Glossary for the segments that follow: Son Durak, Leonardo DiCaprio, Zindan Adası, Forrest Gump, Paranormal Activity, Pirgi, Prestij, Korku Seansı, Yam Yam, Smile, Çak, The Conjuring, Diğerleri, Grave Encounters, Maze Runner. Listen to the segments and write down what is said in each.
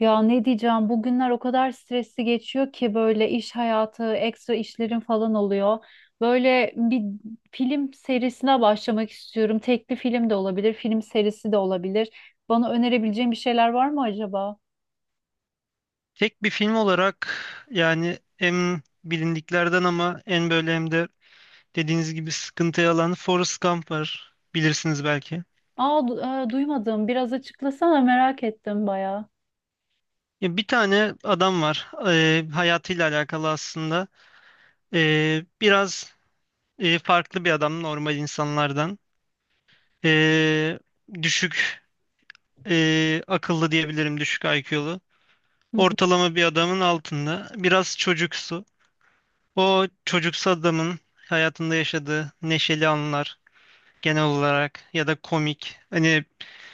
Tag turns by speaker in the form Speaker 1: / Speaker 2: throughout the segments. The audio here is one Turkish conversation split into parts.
Speaker 1: Ya ne diyeceğim, bugünler o kadar stresli geçiyor ki, böyle iş hayatı, ekstra işlerim falan oluyor. Böyle bir film serisine başlamak istiyorum. Tekli film de olabilir, film serisi de olabilir. Bana önerebileceğin bir şeyler var mı acaba?
Speaker 2: Tek bir film olarak yani en bilindiklerden ama en böyle hem de dediğiniz gibi sıkıntıya alan Forrest Gump var. Bilirsiniz belki.
Speaker 1: Aa, duymadım. Biraz açıklasana, merak ettim bayağı.
Speaker 2: Ya bir tane adam var. Hayatıyla alakalı aslında. Biraz farklı bir adam normal insanlardan. Ee, Düşük akıllı diyebilirim. Düşük IQ'lu. Ortalama bir adamın altında. Biraz çocuksu. O çocuksu adamın hayatında yaşadığı neşeli anlar genel olarak ya da komik. Hani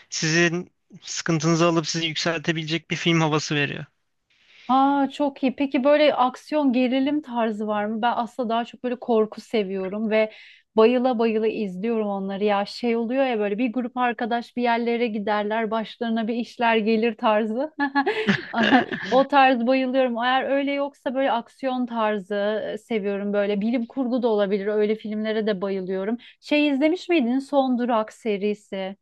Speaker 2: sizin sıkıntınızı alıp sizi yükseltebilecek bir film havası veriyor.
Speaker 1: Aa, çok iyi. Peki böyle aksiyon gerilim tarzı var mı? Ben aslında daha çok böyle korku seviyorum ve bayıla bayıla izliyorum onları. Ya şey oluyor ya, böyle bir grup arkadaş bir yerlere giderler, başlarına bir işler gelir tarzı. Aha, o tarz bayılıyorum. Eğer öyle yoksa böyle aksiyon tarzı seviyorum böyle. Bilim kurgu da olabilir. Öyle filmlere de bayılıyorum. Şey, izlemiş miydin Son Durak serisi?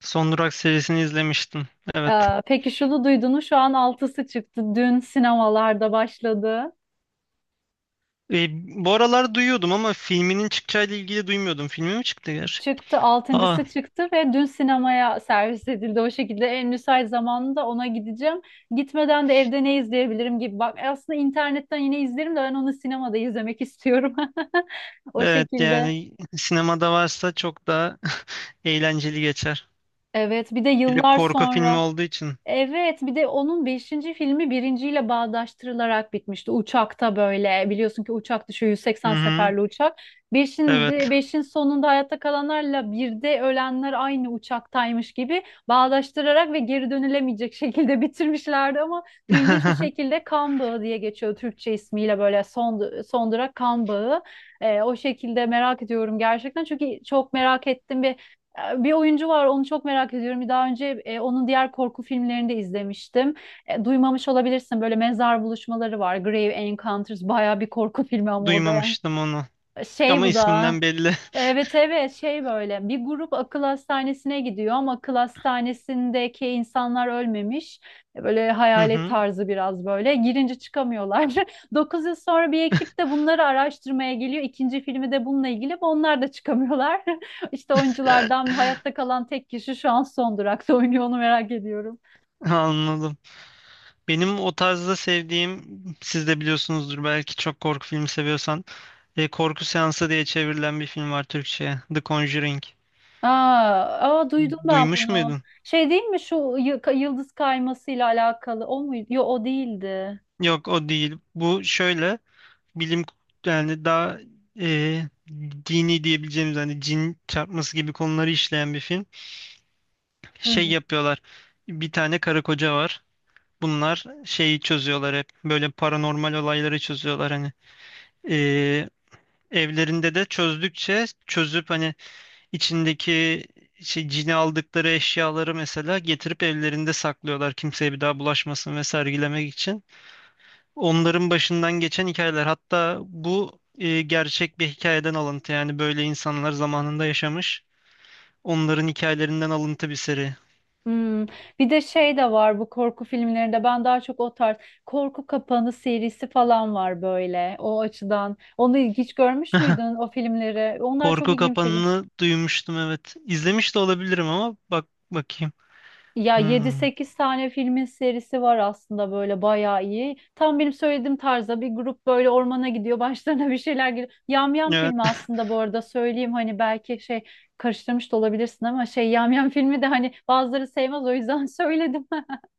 Speaker 2: Son Durak serisini izlemiştim. Evet.
Speaker 1: Peki şunu duydunuz, şu an altısı çıktı. Dün sinemalarda başladı.
Speaker 2: E, Bu aralar duyuyordum ama filminin çıkacağıyla ilgili duymuyordum. Filmi mi çıktı gerçi?
Speaker 1: Çıktı,
Speaker 2: Aa,
Speaker 1: altıncısı çıktı ve dün sinemaya servis edildi. O şekilde en müsait zamanında ona gideceğim. Gitmeden de evde ne izleyebilirim gibi. Bak, aslında internetten yine izlerim de ben onu sinemada izlemek istiyorum. O
Speaker 2: evet
Speaker 1: şekilde.
Speaker 2: yani sinemada varsa çok daha eğlenceli geçer.
Speaker 1: Evet, bir de
Speaker 2: Bir de
Speaker 1: yıllar
Speaker 2: korku filmi
Speaker 1: sonra.
Speaker 2: olduğu için.
Speaker 1: Evet, bir de onun beşinci filmi birinciyle bağdaştırılarak bitmişti. Uçakta, böyle biliyorsun ki, uçak düşüyor,
Speaker 2: Hı
Speaker 1: 180
Speaker 2: hı,
Speaker 1: seferli uçak. 5'in
Speaker 2: evet.
Speaker 1: beşin sonunda hayatta kalanlarla bir de ölenler aynı uçaktaymış gibi bağdaştırarak ve geri dönülemeyecek şekilde bitirmişlerdi ama ilginç bir şekilde kan bağı diye geçiyor Türkçe ismiyle, böyle son durak kan bağı. O şekilde merak ediyorum gerçekten, çünkü çok merak ettim ve bir oyuncu var, onu çok merak ediyorum. Daha önce onun diğer korku filmlerini de izlemiştim. Duymamış olabilirsin, böyle mezar buluşmaları var. Grave Encounters, baya bir korku filmi ama o da yani.
Speaker 2: Duymamıştım onu.
Speaker 1: Şey,
Speaker 2: Ama
Speaker 1: bu da.
Speaker 2: isminden belli.
Speaker 1: Evet, evet, şey, böyle bir grup akıl hastanesine gidiyor ama akıl hastanesindeki insanlar ölmemiş. Böyle
Speaker 2: Hı
Speaker 1: hayalet
Speaker 2: hı,
Speaker 1: tarzı, biraz böyle girince çıkamıyorlar. 9 yıl sonra bir ekip de bunları araştırmaya geliyor. İkinci filmi de bununla ilgili ama onlar da çıkamıyorlar. İşte oyunculardan hayatta kalan tek kişi şu an son durakta oynuyor, onu merak ediyorum.
Speaker 2: anladım. Benim o tarzda sevdiğim, siz de biliyorsunuzdur belki çok korku filmi seviyorsan, Korku Seansı diye çevrilen bir film var Türkçe'ye. The Conjuring.
Speaker 1: Aa, aa, duydum ben
Speaker 2: Duymuş
Speaker 1: bunu.
Speaker 2: muydun?
Speaker 1: Şey değil mi, şu yıldız kaymasıyla alakalı o muydu? Yok, o değildi.
Speaker 2: Yok o değil. Bu şöyle bilim yani daha e, dini diyebileceğimiz hani cin çarpması gibi konuları işleyen bir film.
Speaker 1: Hı
Speaker 2: Şey
Speaker 1: hı.
Speaker 2: yapıyorlar. Bir tane karı koca var. Bunlar şeyi çözüyorlar hep. Böyle paranormal olayları çözüyorlar hani. E, Evlerinde de çözdükçe çözüp hani İçindeki şey cini aldıkları eşyaları mesela getirip evlerinde saklıyorlar kimseye bir daha bulaşmasın ve sergilemek için. Onların başından geçen hikayeler hatta bu gerçek bir hikayeden alıntı yani böyle insanlar zamanında yaşamış. Onların hikayelerinden alıntı bir seri.
Speaker 1: Hmm. Bir de şey de var, bu korku filmlerinde ben daha çok o tarz, korku kapanı serisi falan var böyle, o açıdan. Onu hiç görmüş müydün o filmleri? Onlar çok
Speaker 2: Korku
Speaker 1: ilgimi çekiyor.
Speaker 2: Kapanı'nı duymuştum, evet. İzlemiş de olabilirim ama bak bakayım.
Speaker 1: Ya yedi
Speaker 2: Hmm.
Speaker 1: sekiz tane filmin serisi var aslında, böyle bayağı iyi. Tam benim söylediğim tarzda, bir grup böyle ormana gidiyor, başlarına bir şeyler geliyor. Yam Yam
Speaker 2: Evet.
Speaker 1: filmi, aslında bu arada söyleyeyim, hani belki şey karıştırmış da olabilirsin ama şey, Yam Yam filmi de hani, bazıları sevmez o yüzden söyledim.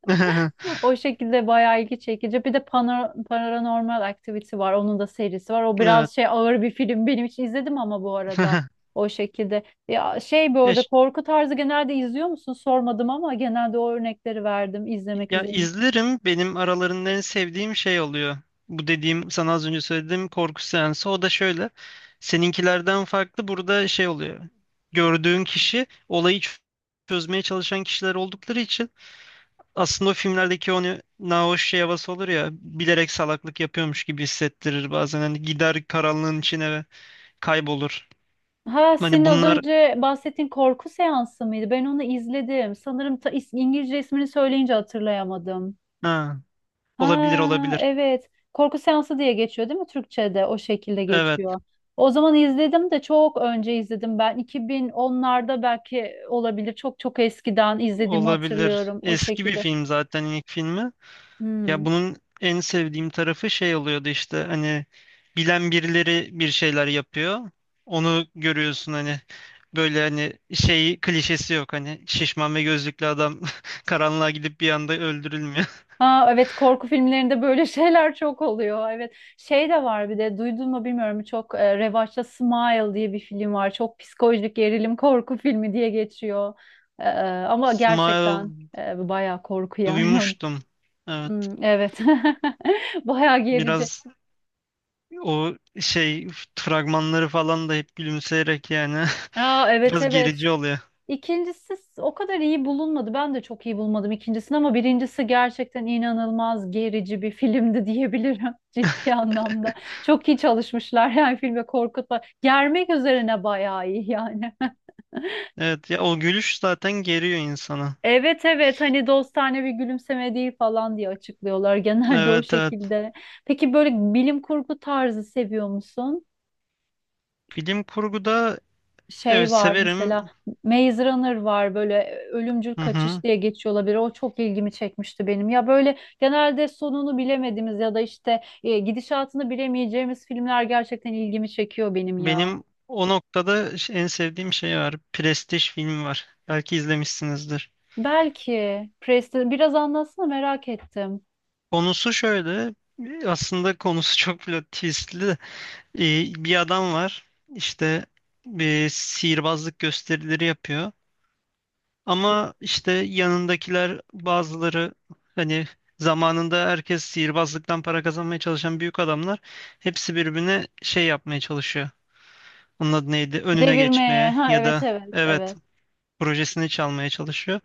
Speaker 1: O şekilde bayağı ilgi çekici. Bir de Paranormal Activity var. Onun da serisi var. O
Speaker 2: Evet.
Speaker 1: biraz şey, ağır bir film. Benim için, izledim ama, bu arada o şekilde. Ya şey, bu
Speaker 2: Ya
Speaker 1: arada korku tarzı genelde izliyor musun? Sormadım ama, genelde o örnekleri verdim izlemek
Speaker 2: Ya
Speaker 1: üzere.
Speaker 2: izlerim. Benim aralarında en sevdiğim şey oluyor. Bu dediğim sana az önce söylediğim korku seansı. O da şöyle. Seninkilerden farklı burada şey oluyor. Gördüğün kişi Olayı çözmeye çalışan kişiler oldukları için aslında o filmlerdeki onu nahoş şey havası olur ya bilerek salaklık yapıyormuş gibi hissettirir bazen, hani gider karanlığın içine ve kaybolur.
Speaker 1: Ha,
Speaker 2: Hani
Speaker 1: senin az
Speaker 2: bunlar,
Speaker 1: önce bahsettiğin korku seansı mıydı? Ben onu izledim. Sanırım İngilizce ismini söyleyince hatırlayamadım.
Speaker 2: ha, olabilir
Speaker 1: Ha,
Speaker 2: olabilir.
Speaker 1: evet. Korku seansı diye geçiyor, değil mi, Türkçe'de? O şekilde
Speaker 2: Evet,
Speaker 1: geçiyor. O zaman izledim de, çok önce izledim ben. 2010'larda belki, olabilir. Çok çok eskiden izlediğimi
Speaker 2: olabilir.
Speaker 1: hatırlıyorum, o
Speaker 2: Eski bir
Speaker 1: şekilde.
Speaker 2: film zaten ilk filmi. Ya
Speaker 1: Hmm.
Speaker 2: bunun en sevdiğim tarafı şey oluyordu, işte hani bilen birileri bir şeyler yapıyor. Onu görüyorsun hani, böyle hani şey klişesi yok, hani şişman ve gözlüklü adam karanlığa gidip bir anda öldürülmüyor.
Speaker 1: Ha, evet, korku filmlerinde böyle şeyler çok oluyor. Evet. Şey de var, bir de duydun mu bilmiyorum, çok revaçta Smile diye bir film var. Çok psikolojik gerilim korku filmi diye geçiyor. E, e, Ama
Speaker 2: Smile
Speaker 1: gerçekten bayağı korku yani.
Speaker 2: duymuştum. Evet,
Speaker 1: Hmm, evet. Bayağı gerici.
Speaker 2: biraz o şey fragmanları falan da hep gülümseyerek yani
Speaker 1: Aa, evet,
Speaker 2: biraz
Speaker 1: evet.
Speaker 2: gerici oluyor.
Speaker 1: İkincisi o kadar iyi bulunmadı. Ben de çok iyi bulmadım ikincisini ama birincisi gerçekten inanılmaz gerici bir filmdi diyebilirim, ciddi anlamda. Çok iyi çalışmışlar yani filme, korkutma. Germek üzerine bayağı iyi yani.
Speaker 2: Evet ya, o gülüş zaten geriyor insana.
Speaker 1: Evet, evet, hani dostane bir gülümseme değil falan diye açıklıyorlar genelde, o
Speaker 2: Evet, evet.
Speaker 1: şekilde. Peki böyle bilim kurgu tarzı seviyor musun?
Speaker 2: Bilim kurguda,
Speaker 1: Şey
Speaker 2: evet,
Speaker 1: var mesela,
Speaker 2: severim.
Speaker 1: Maze Runner var, böyle ölümcül
Speaker 2: Hı
Speaker 1: kaçış
Speaker 2: hı.
Speaker 1: diye geçiyor olabilir. O çok ilgimi çekmişti benim. Ya böyle genelde sonunu bilemediğimiz ya da işte gidişatını bilemeyeceğimiz filmler gerçekten ilgimi çekiyor benim ya.
Speaker 2: Benim o noktada en sevdiğim şey var. Prestij filmi var. Belki izlemişsinizdir.
Speaker 1: Belki Preston, biraz anlatsana, merak ettim.
Speaker 2: Konusu şöyle. Aslında konusu çok plot twistli de. Bir adam var. İşte bir sihirbazlık gösterileri yapıyor. Ama işte yanındakiler bazıları hani zamanında herkes sihirbazlıktan para kazanmaya çalışan büyük adamlar, hepsi birbirine şey yapmaya çalışıyor. Onun adı neydi? Önüne
Speaker 1: Devirmeye.
Speaker 2: geçmeye
Speaker 1: Ha,
Speaker 2: ya
Speaker 1: evet,
Speaker 2: da
Speaker 1: evet,
Speaker 2: evet
Speaker 1: evet.
Speaker 2: projesini çalmaya çalışıyor.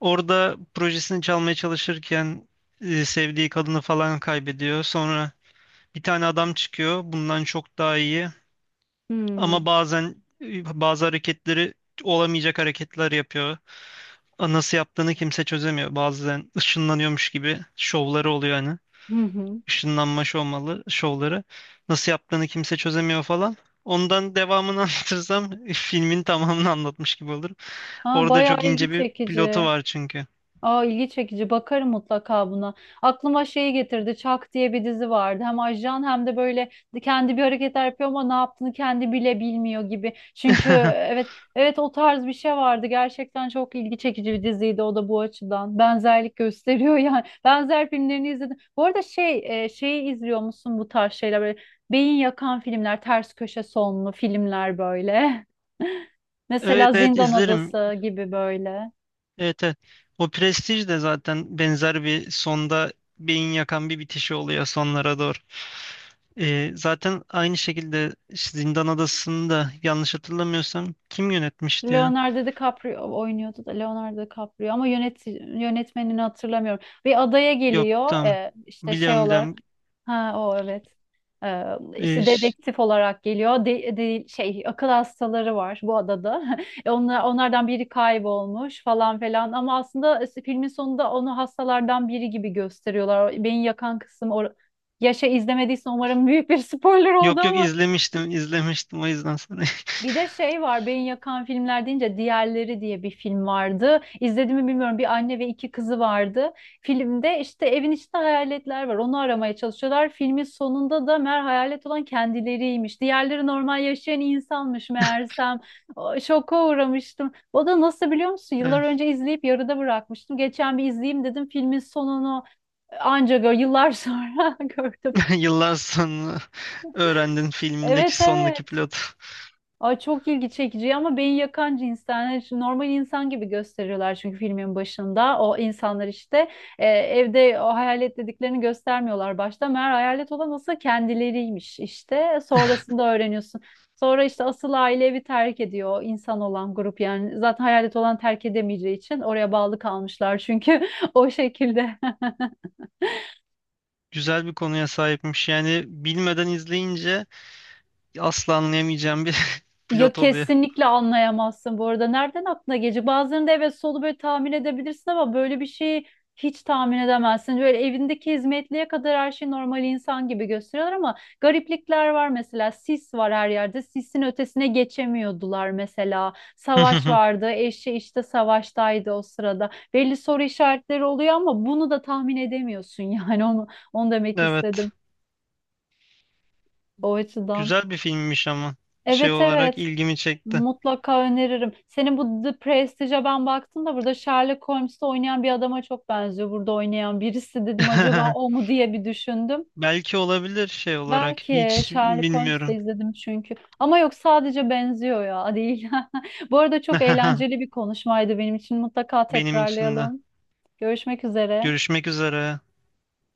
Speaker 2: Orada projesini çalmaya çalışırken sevdiği kadını falan kaybediyor. Sonra bir tane adam çıkıyor. Bundan çok daha iyi.
Speaker 1: Hmm.
Speaker 2: Ama bazen bazı hareketleri olamayacak hareketler yapıyor. A, nasıl yaptığını kimse çözemiyor. Bazen ışınlanıyormuş gibi şovları oluyor hani.
Speaker 1: Hı hı.
Speaker 2: Işınlanma şovmalı, şovları. Nasıl yaptığını kimse çözemiyor falan. Ondan devamını anlatırsam filmin tamamını anlatmış gibi olur.
Speaker 1: Ha,
Speaker 2: Orada
Speaker 1: bayağı
Speaker 2: çok ince
Speaker 1: ilgi
Speaker 2: bir pilotu
Speaker 1: çekici.
Speaker 2: var çünkü.
Speaker 1: Aa, ilgi çekici. Bakarım mutlaka buna. Aklıma şeyi getirdi. Çak diye bir dizi vardı. Hem ajan hem de böyle, kendi bir hareketler yapıyor ama ne yaptığını kendi bile bilmiyor gibi. Çünkü evet, evet, o tarz bir şey vardı. Gerçekten çok ilgi çekici bir diziydi o da, bu açıdan. Benzerlik gösteriyor yani. Benzer filmlerini izledim. Bu arada şey, şeyi izliyor musun, bu tarz şeyler, böyle beyin yakan filmler, ters köşe sonlu filmler böyle.
Speaker 2: Evet,
Speaker 1: Mesela
Speaker 2: evet,
Speaker 1: Zindan
Speaker 2: izlerim.
Speaker 1: Adası gibi, böyle.
Speaker 2: Evet, evet. O Prestige de zaten benzer bir sonda beyin yakan bir bitişi oluyor sonlara doğru. Zaten aynı şekilde işte Zindan Adası'nı da yanlış hatırlamıyorsam kim yönetmişti ya?
Speaker 1: Leonardo DiCaprio oynuyordu da, Leonardo DiCaprio, ama yönetmenini hatırlamıyorum. Bir adaya
Speaker 2: Yok,
Speaker 1: geliyor
Speaker 2: tamam.
Speaker 1: işte şey
Speaker 2: Biliyorum,
Speaker 1: olarak.
Speaker 2: biliyorum.
Speaker 1: Ha, o evet. Ee,
Speaker 2: Ee,
Speaker 1: işte
Speaker 2: ş-
Speaker 1: dedektif olarak geliyor. Şey, akıl hastaları var bu adada. E, onlar, onlardan biri kaybolmuş falan filan ama aslında filmin sonunda onu hastalardan biri gibi gösteriyorlar. O beni yakan kısım or, yaşa, izlemediysen umarım büyük bir spoiler
Speaker 2: Yok yok,
Speaker 1: oldu.
Speaker 2: izlemiştim izlemiştim o yüzden sana.
Speaker 1: Bir de şey var, beyin yakan filmler deyince, Diğerleri diye bir film vardı. İzlediğimi bilmiyorum, bir anne ve iki kızı vardı. Filmde işte evin içinde hayaletler var, onu aramaya çalışıyorlar. Filmin sonunda da meğer hayalet olan kendileriymiş. Diğerleri normal yaşayan insanmış meğersem. O, şoka uğramıştım. O da nasıl, biliyor musun? Yıllar
Speaker 2: Evet.
Speaker 1: önce izleyip yarıda bırakmıştım. Geçen bir izleyeyim dedim filmin sonunu, anca gör, yıllar sonra gördüm.
Speaker 2: Yıllar sonra öğrendin
Speaker 1: Evet,
Speaker 2: filmindeki sondaki
Speaker 1: evet.
Speaker 2: plot.
Speaker 1: Ay, çok ilgi çekici ama beyin yakan cinsten. Hani şu normal insan gibi gösteriyorlar çünkü filmin başında. O insanlar işte, evde o hayalet dediklerini göstermiyorlar başta. Meğer hayalet olan asıl kendileriymiş işte. Sonrasında öğreniyorsun. Sonra işte asıl aile evi terk ediyor, o insan olan grup yani. Zaten hayalet olan terk edemeyeceği için oraya bağlı kalmışlar çünkü, o şekilde.
Speaker 2: Güzel bir konuya sahipmiş. Yani bilmeden izleyince asla anlayamayacağım bir
Speaker 1: Ya
Speaker 2: pilot oluyor.
Speaker 1: kesinlikle anlayamazsın bu arada. Nereden aklına gelecek? Bazılarında evet, solu böyle tahmin edebilirsin ama böyle bir şeyi hiç tahmin edemezsin. Böyle evindeki hizmetliye kadar her şey normal insan gibi gösteriyorlar ama gariplikler var mesela. Sis var her yerde. Sisin ötesine geçemiyordular mesela. Savaş vardı. Eşi işte savaştaydı o sırada. Belli soru işaretleri oluyor ama bunu da tahmin edemiyorsun, yani onu demek istedim
Speaker 2: Evet.
Speaker 1: o açıdan.
Speaker 2: Güzel bir filmmiş ama şey
Speaker 1: Evet,
Speaker 2: olarak
Speaker 1: evet.
Speaker 2: ilgimi çekti.
Speaker 1: Mutlaka öneririm. Senin bu The Prestige'e ben baktım da, burada Sherlock Holmes'te oynayan bir adama çok benziyor. Burada oynayan birisi dedim, acaba o mu diye bir düşündüm.
Speaker 2: Belki olabilir, şey olarak
Speaker 1: Belki
Speaker 2: hiç
Speaker 1: Sherlock Holmes'te
Speaker 2: bilmiyorum.
Speaker 1: izledim çünkü. Ama yok, sadece benziyor ya, değil. Bu arada çok eğlenceli bir konuşmaydı benim için. Mutlaka
Speaker 2: Benim için de.
Speaker 1: tekrarlayalım. Görüşmek üzere.
Speaker 2: Görüşmek üzere.